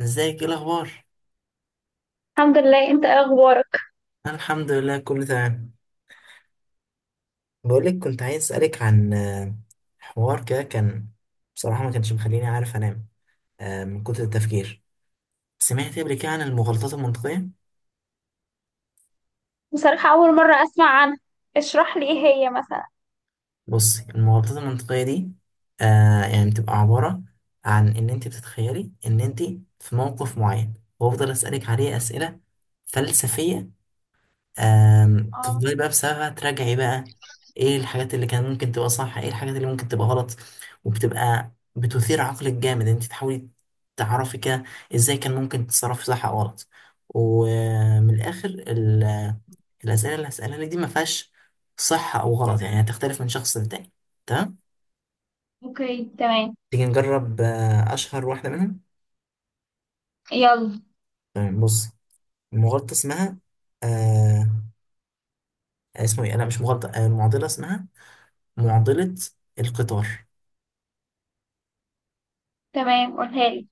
ازيك ايه الاخبار؟ الحمد لله، انت ايه اخبارك؟ انا الحمد لله كله تمام. بقولك كنت عايز اسالك عن حوار كده كان. بصراحه ما كانش مخليني عارف انام من كتر التفكير. سمعت قبل كده عن المغالطات المنطقيه. بصراحة، اول مرة اسمع عنها. اشرح لي، ايه هي مثلا؟ بصي المغالطات المنطقيه دي يعني بتبقى عباره عن ان انت بتتخيلي ان انت في موقف معين، وافضل اسالك عليه اسئله فلسفيه. اه، تفضلي بقى بسببها تراجعي بقى. ايه الحاجات اللي كان ممكن تبقى صح، ايه الحاجات اللي ممكن تبقى غلط، وبتبقى بتثير عقلك جامد انت تحاولي تعرفي كده ازاي كان ممكن تتصرفي صح او غلط. ومن الاخر الاسئله اللي هسألها لك دي ما فيهاش صح او غلط، يعني هتختلف من شخص للتاني. تمام. اوكي، تمام. تيجي نجرب اشهر واحده منهم. يلا. تمام، بص. المغالطه اسمها آه اسمه ايه، لا مش مغالطه، معضله، اسمها معضله القطار. تمام، قولها لي.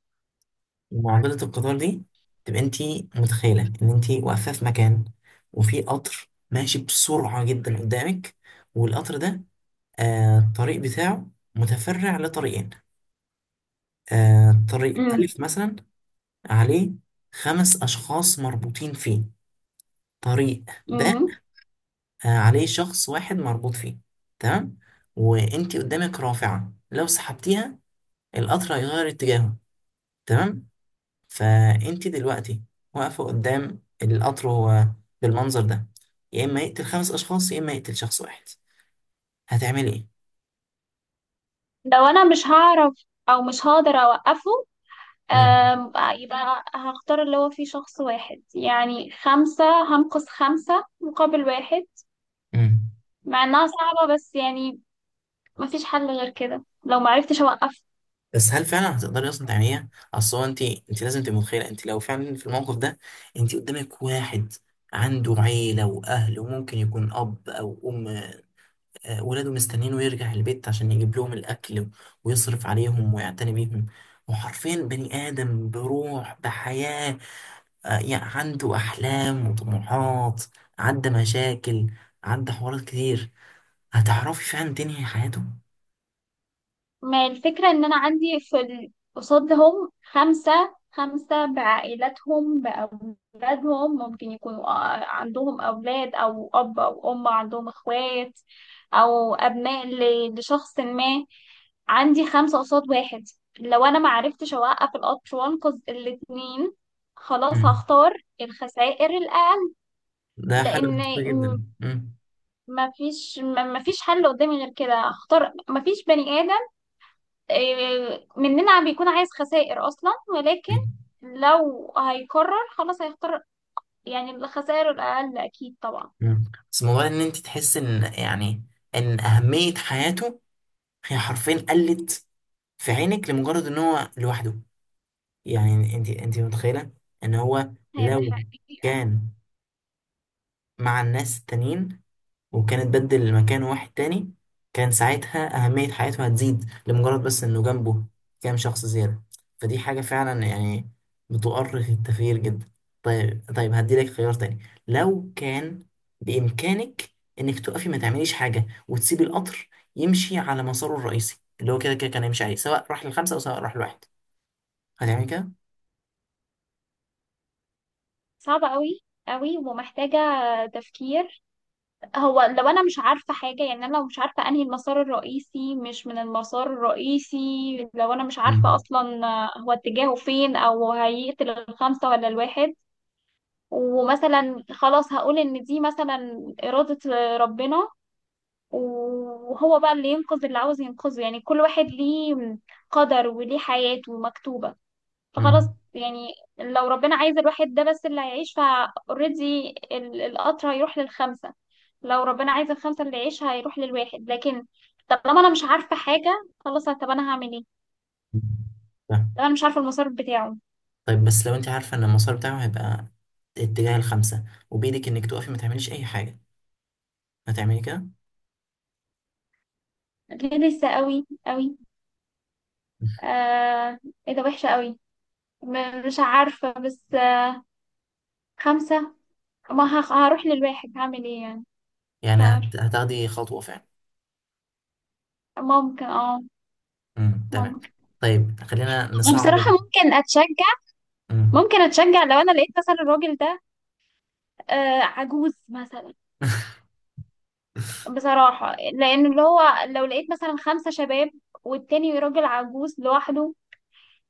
معضلة القطار دي، تبقى انت متخيلة ان انت واقفة في مكان، وفي قطر ماشي بسرعة جدا قدامك. والقطر ده الطريق بتاعه متفرع لطريقين. طريق امم. ألف مثلا عليه خمس أشخاص مربوطين فيه. طريق ب امم. عليه شخص واحد مربوط فيه. تمام. وانت قدامك رافعة، لو سحبتيها القطر هيغير اتجاهه. تمام. فانت دلوقتي واقفه قدام القطر، هو بالمنظر ده يا اما يقتل خمس اشخاص يا اما يقتل شخص واحد. هتعملي ايه؟ لو انا مش هعرف او مش هقدر اوقفه، امم. آم، يبقى هختار اللي هو فيه شخص واحد، يعني خمسة. هنقص خمسة مقابل واحد. امم. مع انها صعبة بس يعني مفيش حل غير كده لو معرفتش اوقفه. بس هل فعلا هتقدري اصلا تعمليها؟ اصل هو انت لازم تبقي متخيله، انت لو فعلا في الموقف ده، انت قدامك واحد عنده عيله واهل وممكن يكون اب او ام، ولاده مستنينه يرجع البيت عشان يجيب لهم الاكل ويصرف عليهم ويعتني بيهم، وحرفيا بني ادم بروح بحياه، يعني عنده أحلام وطموحات، عدى مشاكل، عدى حوارات كتير. هتعرفي فعلا تنهي حياته؟ ما الفكرة ان انا عندي في قصادهم خمسة، خمسة بعائلاتهم بأولادهم، ممكن يكونوا عندهم أولاد أو أب أو أم، عندهم إخوات أو أبناء لشخص ما. عندي خمسة قصاد واحد. لو أنا ما عرفتش أوقف القطر وأنقذ الاتنين، خلاص مم. هختار الخسائر الأقل. ده حاجة لأن منطقية جدا مم. ما فيش حل قدامي غير كده، هختار. ما فيش بني آدم، إيه، مننا بيكون عايز خسائر اصلا، ولكن لو هيقرر خلاص هيختار يعني الخسائر الاقل، اكيد طبعا. مم. بس موضوع إن أنت تحس إن يعني إن أهمية حياته هي حرفيا قلت في عينك لمجرد إن هو لوحده. يعني أنت متخيلة إن هو هي دي لو حقيقة. كان مع الناس التانيين، وكانت بدل مكان واحد تاني، كان ساعتها أهمية حياته هتزيد لمجرد بس إنه جنبه كام شخص زيادة. فدي حاجة فعلا يعني بتؤرخ التغيير جدا. طيب طيب هديلك خيار تاني. لو كان بإمكانك إنك تقفي ما تعمليش حاجة، وتسيبي القطر يمشي على مساره الرئيسي اللي هو كده كده كان هيمشي عليه، سواء راح للخمسة أو سواء راح لواحد. هتعملي كده؟ صعبة قوي، قوي ومحتاجة تفكير. هو لو انا مش عارفة حاجة، يعني انا لو مش عارفة انهي المسار الرئيسي مش من المسار الرئيسي، لو انا مش عارفة مم. اصلا هو اتجاهه فين او هيقتل الخمسة ولا الواحد، ومثلا خلاص هقول ان دي مثلا إرادة ربنا، وهو بقى اللي ينقذ اللي عاوز ينقذه، يعني كل واحد ليه قدر وليه حياته مكتوبة. فخلاص مم. يعني لو ربنا عايز الواحد ده بس اللي هيعيش فاوريدي القطر هيروح للخمسة، لو ربنا عايز الخمسة اللي يعيش هيروح للواحد. لكن طالما انا مش عارفة حاجة، خلاص، طب انا هعمل ايه؟ مم. طب انا مش عارفة المسار بتاعه. طيب بس لو انت عارفة ان المسار بتاعه هيبقى اتجاه الخمسة، وبإيدك انك توقفي ما تعمليش أي حاجة، هتعملي كده؟ لسه قوي قوي. آه، ايه ده، وحشة قوي. مش عارفة بس. خمسة. ما هخ- هروح للواحد هعمل ايه يعني. مش يعني عارفة. هتاخدي خطوة فعلا؟ ممكن اه امم، تمام. ممكن. طيب خلينا نصعب. وبصراحة ممكن اتشجع امم. ممكن اتشجع لو انا لقيت مثلا الراجل ده عجوز مثلا. بصراحة لان اللي هو، لو لقيت مثلا خمسة شباب والتاني راجل عجوز لوحده،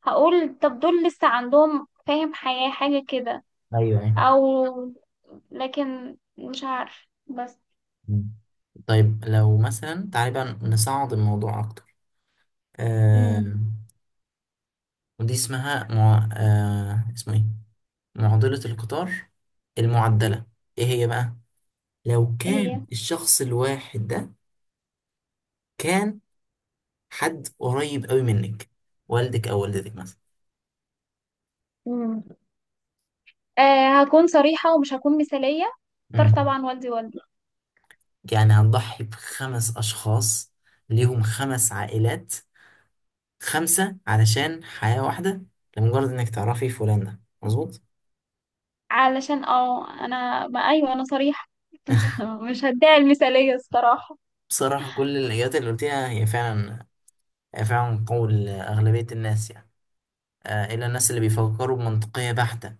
هقول طب دول لسه عندهم فاهم حياة حاجة كده. ايوه ايوه. او لكن مش عارف بس. مم. طيب لو مثلا تعالي بقى نصعد الموضوع اكتر. امم. آه ودي اسمها اسمه ايه، معضلة القطار المعدلة. ايه هي بقى؟ لو هي، كان الشخص الواحد ده كان حد قريب قوي منك، والدك او والدتك مثلا. امم هكون صريحة ومش هكون مثالية. اختار مم. طبعا والدي، والدي. يعني هتضحي بخمس اشخاص ليهم خمس عائلات، خمسة علشان حياة واحدة، لمجرد انك تعرفي فلان ده مظبوط؟ علشان انا ما، ايوه، انا صريحة. مش هديها المثالية الصراحة. بصراحة كل الإجابات اللي قلتيها هي فعلا قول أغلبية الناس، يعني إلا الناس اللي بيفكروا بمنطقية بحتة،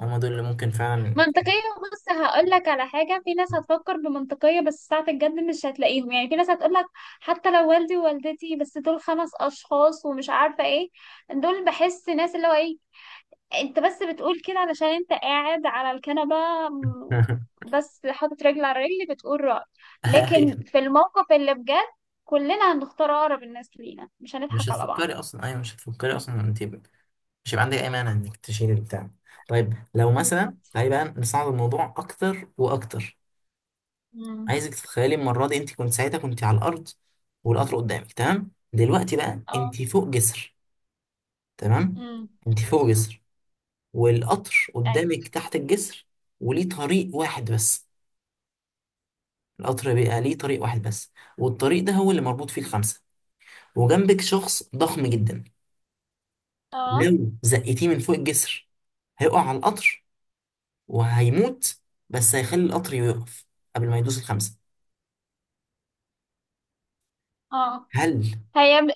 هما دول اللي ممكن فعلا. منطقية. بص، هقول لك على حاجة، في ناس هتفكر بمنطقية بس ساعة الجد مش هتلاقيهم. يعني في ناس هتقول لك حتى لو والدي ووالدتي بس دول خمس أشخاص ومش عارفة ايه، دول بحس ناس اللي هو ايه، انت بس بتقول كده علشان انت قاعد على الكنبة، م- بس حاطط رجل على رجل بتقول رأي. أيوة لكن في الموقف اللي بجد كلنا هنختار أقرب الناس لينا، مش هنضحك على أيوة مش هتفكري أصلا أنت، مش هيبقى عندك اي مانع انك تشيل البتاع. طيب لو مثلا بعض. تعالي بقى نصعد الموضوع اكتر واكتر. امم. عايزك تتخيلي المره دي، انت كنت ساعتها كنت على الارض، والقطر قدامك. تمام. دلوقتي بقى اه. انت فوق جسر. تمام. امم. انت فوق جسر، والقطر أيوة. قدامك تحت الجسر، وليه طريق واحد بس. القطر بقى ليه طريق واحد بس، والطريق ده هو اللي مربوط فيه الخمسه، وجنبك شخص ضخم جدا. اه لو زقتيه من فوق الجسر هيقع على القطر وهيموت، بس هيخلي القطر يقف قبل ما يدوس الخمسة. اه. هل هي.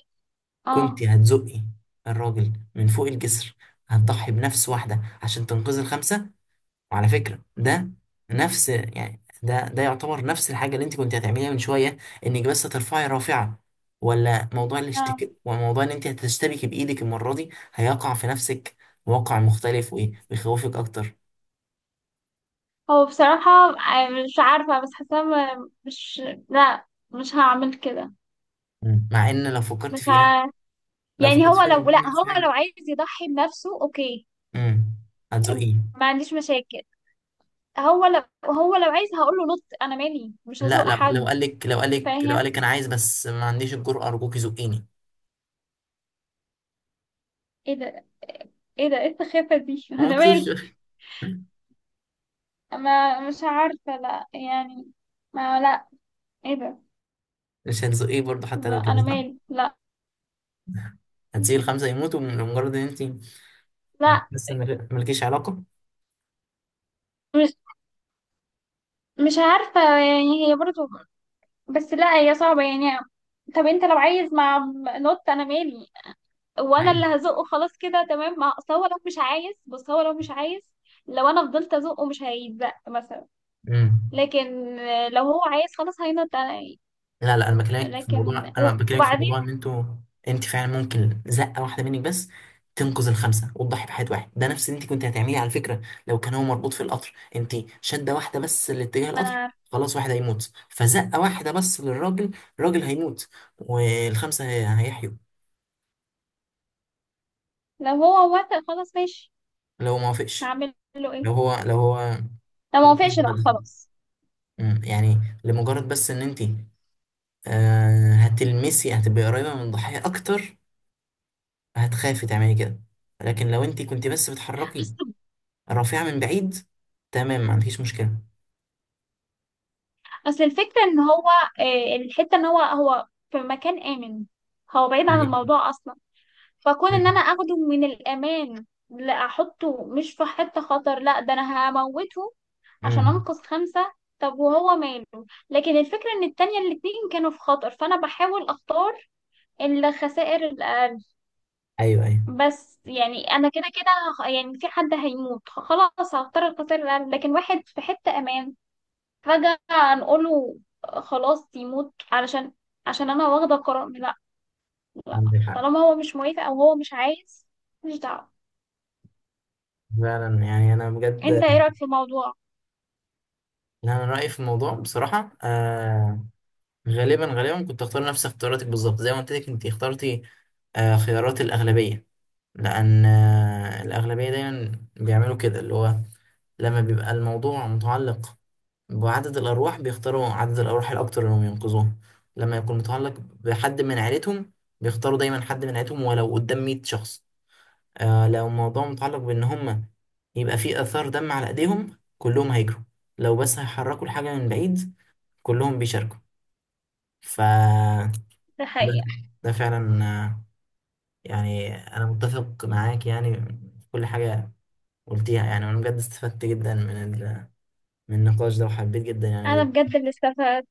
كنت اه. هتزقي الراجل من فوق الجسر، هتضحي بنفس واحدة عشان تنقذ الخمسة؟ وعلى فكرة ده نفس يعني ده يعتبر نفس الحاجة اللي انت كنت هتعمليها من شوية، انك بس ترفعي رافعة، ولا موضوع آه. الاشتكاء وموضوع ان انت هتشتبكي بايدك المرة دي هيقع في نفسك واقع مختلف وايه ويخوفك اكتر؟ هو بصراحة، مش عارفة بس حاسة، مش، لا، مش هعمل كده. مم. مع ان لو فكرت مش فيها ع... يعني هو لو، لا، من نفس هو الحاجة. لو عايز يضحي بنفسه اوكي، امم. هتزقيه؟ ما عنديش مشاكل. هو لو عايز هقول له نط، انا مالي، مش لا هزوق لا، لو حد. قال لك لو قال لك لو فاهم. قال لك انا عايز بس ما عنديش الجرأة، ارجوكي زقيني. ايه ده. ايه ده، ايه السخافة دي ما انا مالي. مكسوفش ما مش عارفة لا يعني، ما لا، ايه ده. مش هتزقيه برضه حتى لا لو كده انا صح؟ مالي لا. هتسيب الخمسة يموتوا لمجرد ان انت لا. لسه مالكيش علاقة؟ مش عارفة يعني هي برضو. بس لا، هي صعبة يعني. طب انت لو عايز مع. نوت انا مالي، وانا لا، اللي هزقه خلاص كده تمام. ما اصل هو لو مش عايز، بص هو لو مش عايز لو انا فضلت ازقه مش هيتزق مثلا. ايه. لكن لو هو عايز خلاص هينط انا. لا لا، انا بكلمك في موضوع لكن انا بكلمك في موضوع وبعدين. ان انتوا، انت فعلا ممكن زقه واحده منك بس تنقذ الخمسه وتضحي بحياه واحد، ده نفس اللي انت كنت هتعمليه على فكره لو كان هو مربوط في القطر، انت شده واحده بس لاتجاه ما انا القطر، عارفة. خلاص واحد هيموت، فزقه واحده بس للراجل، الراجل هيموت والخمسه هيحيوا. لو هو وافق خلاص ماشي، لو ما وافقش، هعمل له ايه. لو هو لو ما وافقش لا خلاص. يعني لمجرد بس ان انت هتبقي قريبه من الضحيه اكتر، هتخافي تعملي كده، لكن لو انت كنت بس بتحركي اصل الرافعة من بعيد، تمام، ما عندكيش مشكلة. اصل الفكرة ان هو، الحتة ان هو في مكان آمن، هو بعيد عن ايوه الموضوع اصلا. فكون ان انا أمم، اخده من الامان لا احطه، مش في حتة خطر، لا ده انا هموته عشان أمم. انقذ خمسة. طب وهو ماله. لكن الفكرة ان التانية الاتنين كانوا في خطر فانا بحاول اختار الخسائر الاقل. ايوه ايوه، بس يعني انا كده كده يعني في حد هيموت خلاص هختار الخسائر الاقل. لكن واحد في حتة امان فجأة نقوله خلاص يموت، عشان انا واخدة قرار، لا. عندك حق. طالما هو مش موافق او هو مش عايز، مش دعوة. فعلا يعني انا بجد. انت ايه رأيك في الموضوع؟ لا، انا رأيي في الموضوع بصراحة غالبا غالبا كنت اختار نفس اختياراتك بالظبط، زي ما قلت لك انت اخترتي خيارات الأغلبية. لأن الأغلبية دايما بيعملوا كده، اللي هو لما بيبقى الموضوع متعلق وعدد الأرواح بيختاروا عدد الأرواح الأكتر إنهم ينقذوهم. لما يكون متعلق بحد من عيلتهم بيختاروا دايما حد من عيلتهم، ولو قدام 100 شخص. لو الموضوع متعلق بإن هم يبقى فيه آثار دم على إيديهم كلهم هيجروا، لو بس هيحركوا الحاجة من بعيد كلهم بيشاركوا. ف ده ده حقيقة. ده فعلا يعني أنا متفق معاك يعني في كل حاجة قلتيها، يعني وأنا بجد استفدت جدا من من النقاش ده، وحبيت جدا أنا يعني. بجد اللي استفدت.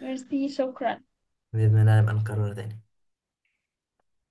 ميرسي، شكرا. بإذن الله نبقى نكرره تاني.